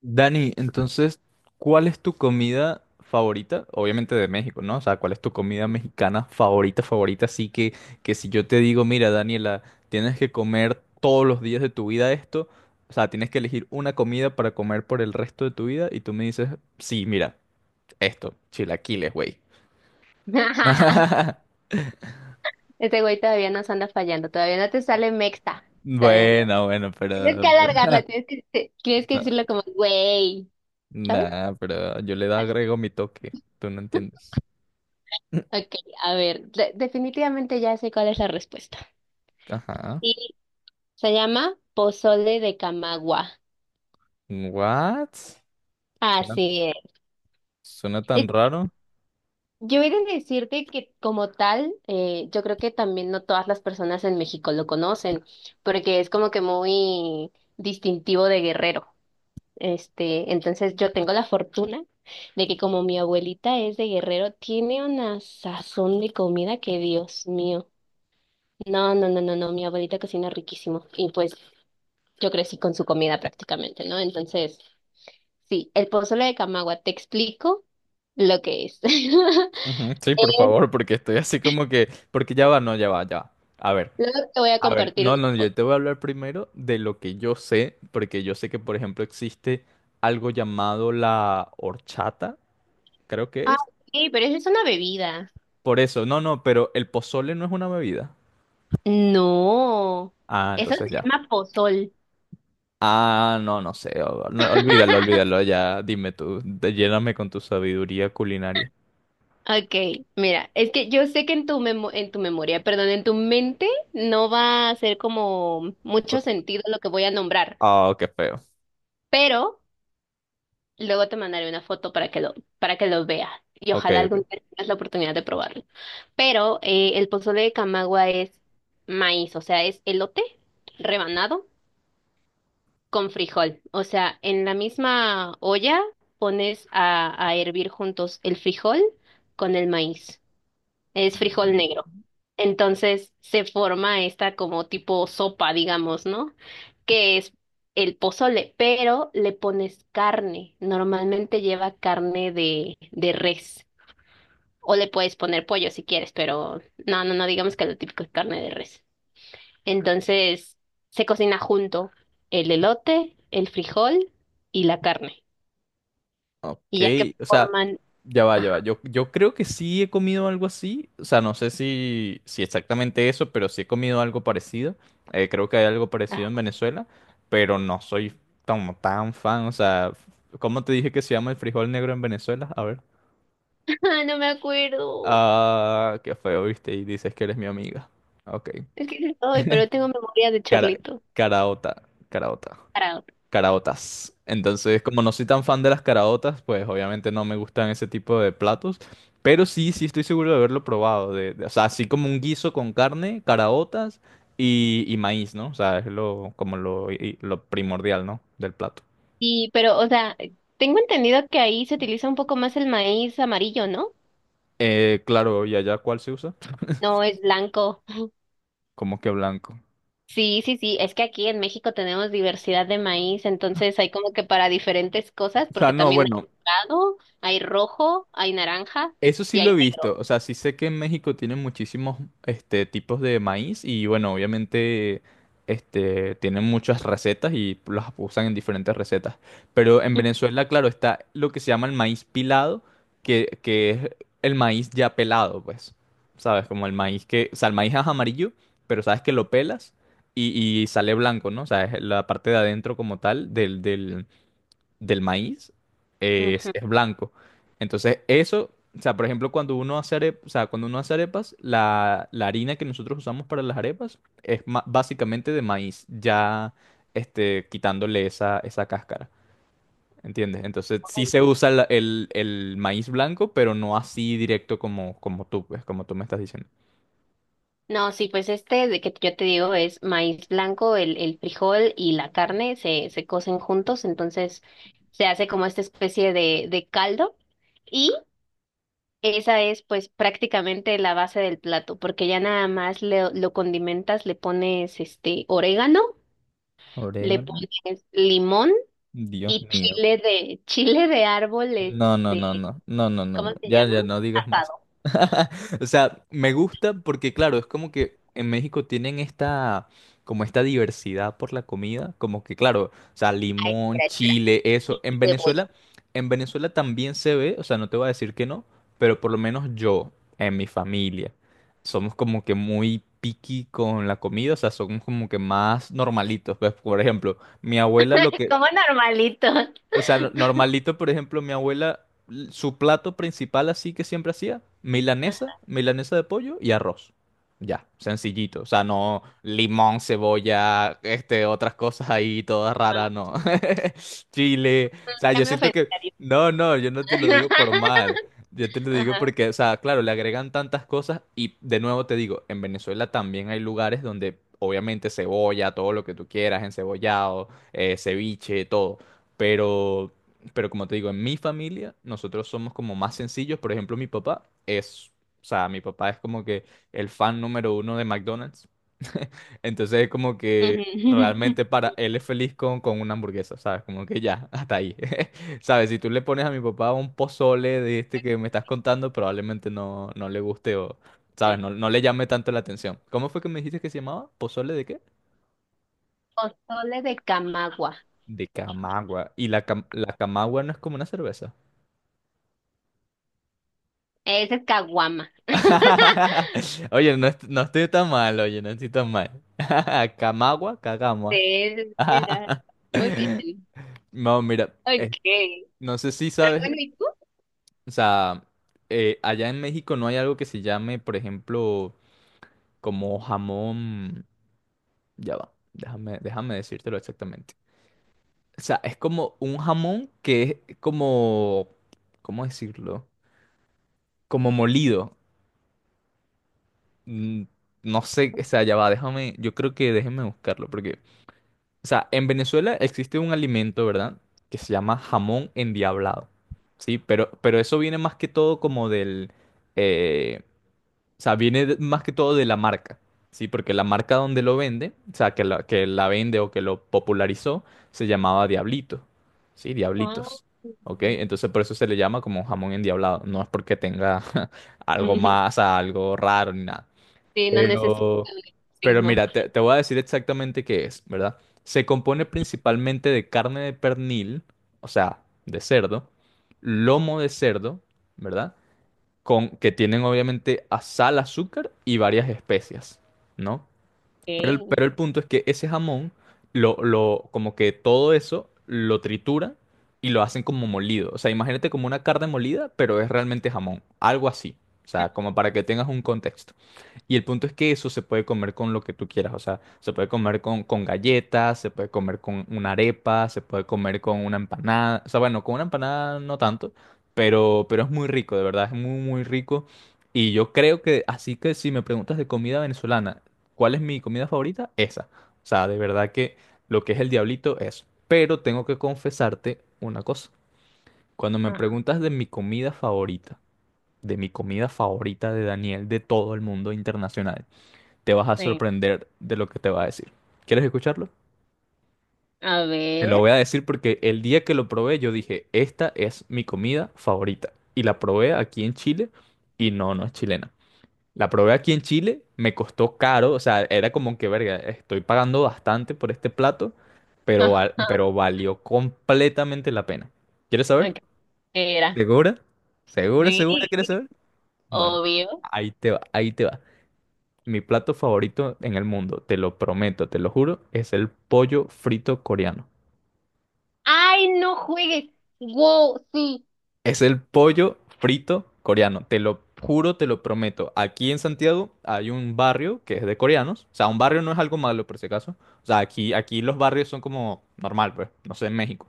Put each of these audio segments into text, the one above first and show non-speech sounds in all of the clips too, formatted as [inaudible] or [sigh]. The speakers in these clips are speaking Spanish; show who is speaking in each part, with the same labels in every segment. Speaker 1: Dani, entonces, ¿cuál es tu comida favorita? Obviamente de México, ¿no? O sea, ¿cuál es tu comida mexicana favorita, favorita? Así que si yo te digo, mira, Daniela, tienes que comer todos los días de tu vida esto, o sea, tienes que elegir una comida para comer por el resto de tu vida y tú me dices, sí, mira, esto, chilaquiles, güey.
Speaker 2: [laughs]
Speaker 1: [laughs]
Speaker 2: Ese güey todavía nos anda fallando, todavía no te sale mexta, todavía no.
Speaker 1: Bueno, bueno,
Speaker 2: Tienes que alargarla,
Speaker 1: [laughs]
Speaker 2: tienes que decirlo como güey, ¿sabes?
Speaker 1: Nah, pero yo le agrego mi toque, tú no entiendes. [laughs]
Speaker 2: Ok, a ver, definitivamente ya sé cuál es la respuesta.
Speaker 1: Ajá.
Speaker 2: Sí, se llama pozole de Camagua.
Speaker 1: What?
Speaker 2: Así es.
Speaker 1: Suena tan
Speaker 2: Eh,
Speaker 1: raro.
Speaker 2: Yo he de decirte que como tal, yo creo que también no todas las personas en México lo conocen, porque es como que muy distintivo de Guerrero. Este, entonces yo tengo la fortuna de que como mi abuelita es de Guerrero, tiene una sazón de comida que Dios mío. No, no, no, no, no, mi abuelita cocina riquísimo y pues yo crecí con su comida prácticamente, ¿no? Entonces, sí, el pozole de Camagua, te explico lo que es.
Speaker 1: Ujú, sí,
Speaker 2: [laughs]
Speaker 1: por
Speaker 2: Es-
Speaker 1: favor, porque estoy así como que. Porque ya va, no, ya va, ya va. A ver,
Speaker 2: Luego te voy a
Speaker 1: a ver.
Speaker 2: compartir
Speaker 1: No,
Speaker 2: una
Speaker 1: no, yo
Speaker 2: foto.
Speaker 1: te voy a hablar primero de lo que yo sé, porque yo sé que, por ejemplo, existe algo llamado la horchata, creo que
Speaker 2: Ah,
Speaker 1: es.
Speaker 2: sí, pero esa es una bebida.
Speaker 1: Por eso, no, no, pero el pozole no es una bebida.
Speaker 2: No,
Speaker 1: Ah,
Speaker 2: eso
Speaker 1: entonces
Speaker 2: se
Speaker 1: ya.
Speaker 2: llama pozol.
Speaker 1: Ah, no, no sé. No, olvídalo,
Speaker 2: [laughs]
Speaker 1: olvídalo, ya. Dime tú, lléname con tu sabiduría culinaria.
Speaker 2: Ok, mira, es que yo sé que en en tu memoria, perdón, en tu mente no va a hacer como mucho
Speaker 1: Por-
Speaker 2: sentido lo que voy a nombrar,
Speaker 1: Ah, qué feo.
Speaker 2: pero luego te mandaré una foto para que lo veas y
Speaker 1: Ok,
Speaker 2: ojalá algún
Speaker 1: ok.
Speaker 2: día tengas la oportunidad de probarlo. Pero el pozole de Camagua es maíz, o sea, es elote rebanado con frijol. O sea, en la misma olla pones a hervir juntos el frijol con el maíz. Es frijol negro. Entonces se forma esta como tipo sopa, digamos, ¿no? Que es el pozole, pero le pones carne. Normalmente lleva carne de res. O le puedes poner pollo si quieres, pero no, no, no, digamos que lo típico es carne de res. Entonces se cocina junto el elote, el frijol y la carne.
Speaker 1: Ok,
Speaker 2: Y ya que
Speaker 1: o sea.
Speaker 2: forman...
Speaker 1: Ya va, ya va.
Speaker 2: Ajá.
Speaker 1: Yo creo que sí he comido algo así. O sea, no sé si exactamente eso, pero sí he comido algo parecido. Creo que hay algo parecido
Speaker 2: [laughs]
Speaker 1: en Venezuela, pero no soy como tan fan. O sea, ¿cómo te dije que se llama el frijol negro en Venezuela? A ver.
Speaker 2: No me acuerdo.
Speaker 1: Ah, qué feo, viste, y dices que eres mi amiga. Ok.
Speaker 2: Es que hoy, pero tengo memoria de
Speaker 1: Cara,
Speaker 2: chorlito.
Speaker 1: caraota, caraota. Caraotas. Entonces, como no soy tan fan de las caraotas, pues obviamente no me gustan ese tipo de platos. Pero sí, sí estoy seguro de haberlo probado. O sea, así como un guiso con carne, caraotas y maíz, ¿no? O sea, es lo, como lo, lo primordial, ¿no? Del plato.
Speaker 2: Y, pero, o sea, tengo entendido que ahí se utiliza un poco más el maíz amarillo, ¿no?
Speaker 1: Claro, ¿y allá cuál se usa?
Speaker 2: No es blanco. [laughs]
Speaker 1: Como que blanco.
Speaker 2: Sí, sí, sí, es que aquí en México tenemos diversidad de maíz, entonces hay como que para diferentes cosas,
Speaker 1: O sea,
Speaker 2: porque
Speaker 1: no,
Speaker 2: también hay
Speaker 1: bueno.
Speaker 2: dorado, hay rojo, hay naranja
Speaker 1: Eso sí
Speaker 2: y hay
Speaker 1: lo he
Speaker 2: negro.
Speaker 1: visto, o sea, sí sé que en México tienen muchísimos tipos de maíz y bueno, obviamente tienen muchas recetas y las usan en diferentes recetas. Pero en Venezuela, claro, está lo que se llama el maíz pilado, que es el maíz ya pelado, pues, ¿sabes? Como el maíz que, o sea, el maíz es amarillo, pero sabes que lo pelas y sale blanco, ¿no? O sea, es la parte de adentro como tal del, del maíz es,
Speaker 2: Ujú.
Speaker 1: es blanco. Entonces, eso, o sea, por ejemplo, cuando uno hace arepas, o sea, cuando uno hace arepas, la harina que nosotros usamos para las arepas es básicamente de maíz, ya quitándole esa cáscara. ¿Entiendes? Entonces sí se usa el maíz blanco, pero no así directo como tú, pues, como tú me estás diciendo.
Speaker 2: No, sí, pues este de que yo te digo es maíz blanco, el frijol y la carne se cocen juntos, entonces se hace como esta especie de caldo y esa es pues prácticamente la base del plato, porque ya nada más lo condimentas, le pones este orégano, le
Speaker 1: Orégano,
Speaker 2: pones limón
Speaker 1: Dios
Speaker 2: y
Speaker 1: mío.
Speaker 2: chile de [laughs] chile de árbol,
Speaker 1: No, no,
Speaker 2: este,
Speaker 1: no, no, no, no, no,
Speaker 2: ¿cómo
Speaker 1: no,
Speaker 2: se
Speaker 1: ya,
Speaker 2: llama?
Speaker 1: ya no digas más.
Speaker 2: Asado.
Speaker 1: [laughs] O sea, me gusta porque, claro, es como que en México tienen esta, como esta diversidad por la comida, como que, claro, o sea,
Speaker 2: Ay,
Speaker 1: limón,
Speaker 2: espera, espera.
Speaker 1: chile, eso.
Speaker 2: Y
Speaker 1: En
Speaker 2: cebolla.
Speaker 1: Venezuela, en Venezuela también se ve, o sea, no te voy a decir que no, pero por lo menos yo, en mi familia, somos como que muy picky con la comida, o sea, somos como que más normalitos. Pues, por ejemplo, mi abuela lo
Speaker 2: [laughs]
Speaker 1: que,
Speaker 2: Como normalito. Ajá.
Speaker 1: o sea, normalito, por ejemplo, mi abuela, su plato principal así que siempre hacía, milanesa, milanesa de pollo y arroz. Ya, sencillito. O sea, no limón, cebolla, otras cosas ahí, todas raras, no. [laughs] Chile. O sea,
Speaker 2: Ya
Speaker 1: yo
Speaker 2: me
Speaker 1: siento que.
Speaker 2: ofendí.
Speaker 1: No, no, yo no te lo digo por mal.
Speaker 2: [laughs]
Speaker 1: Yo te lo digo
Speaker 2: Ajá.
Speaker 1: porque, o sea, claro, le agregan tantas cosas y de nuevo te digo, en Venezuela también hay lugares donde obviamente cebolla, todo lo que tú quieras, encebollado, ceviche, todo. Pero, pero como te digo, en mi familia nosotros somos como más sencillos. Por ejemplo, mi papá es, o sea, mi papá es como que el fan número uno de McDonald's. Entonces es como que
Speaker 2: Ujú.
Speaker 1: realmente para él es feliz con una hamburguesa, ¿sabes? Como que ya, hasta ahí. [laughs] ¿Sabes? Si tú le pones a mi papá un pozole de este que me estás contando, probablemente no, no le guste o, ¿sabes?
Speaker 2: Sí.
Speaker 1: No, no le llame tanto la atención. ¿Cómo fue que me dijiste que se llamaba? ¿Pozole de qué?
Speaker 2: Pozole de camagua.
Speaker 1: De Camagua. ¿Y la Camagua no es como una cerveza?
Speaker 2: Ese es caguama. [laughs]
Speaker 1: [laughs] Oye, no, no estoy tan mal, oye, no estoy tan mal. [laughs] Camagua, Cagamua.
Speaker 2: Sí, sí, sí, ya.
Speaker 1: [laughs]
Speaker 2: Muy bien.
Speaker 1: No, mira,
Speaker 2: Ok.
Speaker 1: no sé si
Speaker 2: Pero
Speaker 1: sabes,
Speaker 2: bueno, ¿y tú?
Speaker 1: o sea, allá en México no hay algo que se llame, por ejemplo, como jamón, ya va, déjame, déjame decírtelo exactamente. O sea, es como un jamón que es como, ¿cómo decirlo? Como molido. Mm, No sé, o sea, ya va, déjame, yo creo que déjeme buscarlo, porque. O sea, en Venezuela existe un alimento, ¿verdad? Que se llama jamón endiablado. Sí, pero eso viene más que todo como del. Eh, o sea, viene más que todo de la marca. Sí, porque la marca donde lo vende, o sea, que la vende o que lo popularizó, se llamaba Diablito. Sí,
Speaker 2: Ah.
Speaker 1: Diablitos. ¿Ok? Entonces por eso se le llama como jamón endiablado. No es porque tenga [laughs] algo más, o
Speaker 2: [laughs]
Speaker 1: sea, algo raro ni nada.
Speaker 2: Sí, no necesito
Speaker 1: Pero,
Speaker 2: el
Speaker 1: pero
Speaker 2: sismo.
Speaker 1: mira, te voy a decir exactamente qué es, ¿verdad? Se compone principalmente de carne de pernil, o sea, de cerdo, lomo de cerdo, ¿verdad? Con, que tienen obviamente a sal, azúcar y varias especias, ¿no? Pero el,
Speaker 2: Ok.
Speaker 1: pero el punto es que ese jamón, como que todo eso lo trituran y lo hacen como molido. O sea, imagínate como una carne molida, pero es realmente jamón, algo así. O sea, como para que tengas un contexto. Y el punto es que eso se puede comer con lo que tú quieras, o sea, se puede comer con galletas, se puede comer con una arepa, se puede comer con una empanada, o sea, bueno, con una empanada no tanto, pero es muy rico, de verdad, es muy, muy rico. Y yo creo que, así que si me preguntas de comida venezolana, ¿cuál es mi comida favorita? Esa. O sea, de verdad que lo que es el diablito es. Pero tengo que confesarte una cosa. Cuando me
Speaker 2: Ah,
Speaker 1: preguntas de mi comida favorita, de mi comida favorita de Daniel, de todo el mundo internacional te vas a
Speaker 2: sí.
Speaker 1: sorprender de lo que te va a decir. ¿Quieres escucharlo?
Speaker 2: A
Speaker 1: Te lo
Speaker 2: ver.
Speaker 1: voy a decir porque el día que lo probé yo dije, esta es mi comida favorita. Y la probé aquí en Chile y no, no es chilena. La probé aquí en Chile, me costó caro, o sea, era como que, verga, estoy pagando bastante por este plato,
Speaker 2: [laughs]
Speaker 1: pero,
Speaker 2: Ajá.
Speaker 1: pero valió completamente la pena. ¿Quieres saber?
Speaker 2: Ok, ¿qué era?
Speaker 1: ¿Segura? ¿Segura,
Speaker 2: Sí,
Speaker 1: segura quieres saber? Bueno,
Speaker 2: obvio.
Speaker 1: ahí te va, ahí te va. Mi plato favorito en el mundo, te lo prometo, te lo juro, es el pollo frito coreano.
Speaker 2: ¡Ay, no juegues! ¡Wow! Sí.
Speaker 1: Es el pollo frito coreano, te lo juro, te lo prometo. Aquí en Santiago hay un barrio que es de coreanos. O sea, un barrio no es algo malo por si acaso. O sea, aquí los barrios son como normal, pues, no sé, en México.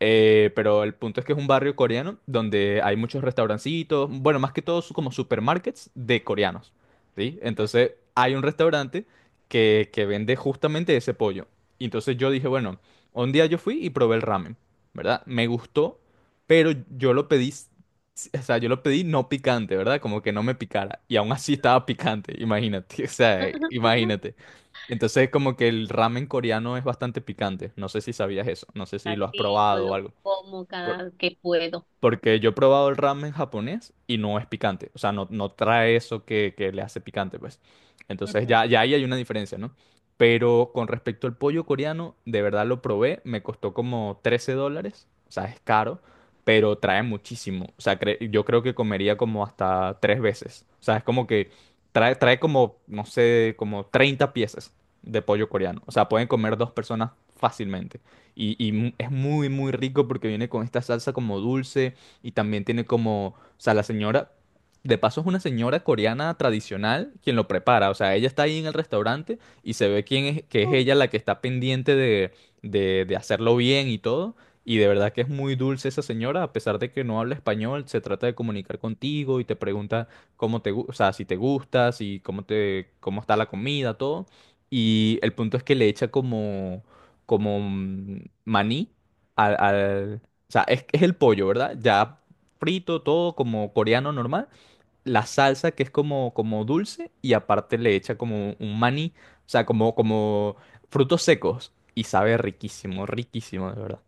Speaker 1: Pero el punto es que es un barrio coreano donde hay muchos restaurancitos, bueno, más que todo como supermarkets de coreanos, ¿sí?
Speaker 2: Ujú.
Speaker 1: Entonces hay un restaurante que vende justamente ese pollo. Y entonces yo dije, bueno, un día yo fui y probé el ramen, ¿verdad? Me gustó, pero yo lo pedí, o sea, yo lo pedí no picante, ¿verdad? Como que no me picara. Y aún así estaba picante, imagínate, [laughs] o sea,
Speaker 2: [laughs]
Speaker 1: imagínate. Entonces, como que el ramen coreano es bastante picante. No sé si sabías eso, no sé si lo has
Speaker 2: Así yo
Speaker 1: probado o
Speaker 2: lo
Speaker 1: algo.
Speaker 2: como
Speaker 1: Por-
Speaker 2: cada que puedo.
Speaker 1: Porque yo he probado el ramen japonés y no es picante. O sea, no, no trae eso que le hace picante, pues. Entonces ya ahí hay una diferencia, ¿no? Pero con respecto al pollo coreano, de verdad lo probé. Me costó como $13. O sea, es caro, pero trae muchísimo. O sea, yo creo que comería como hasta tres veces. O sea, es como que trae como, no sé, como 30 piezas de pollo coreano. O sea, pueden comer dos personas fácilmente. Y es muy, muy rico porque viene con esta salsa como dulce y también tiene como, o sea, la señora, de paso es una señora coreana tradicional quien lo prepara, o sea, ella está ahí en el restaurante y se ve quién es, que es
Speaker 2: Ujú.
Speaker 1: ella la que está pendiente de hacerlo bien y todo. Y de verdad que es muy dulce esa señora, a pesar de que no habla español, se trata de comunicar contigo y te pregunta o sea, si te gusta, si cómo te, cómo está la comida, todo. Y el punto es que le echa como maní al, al- o sea, es el pollo, ¿verdad? Ya frito, todo como coreano normal. La salsa que es como dulce y aparte le echa como un maní, o sea, como frutos secos y sabe riquísimo, riquísimo, de verdad.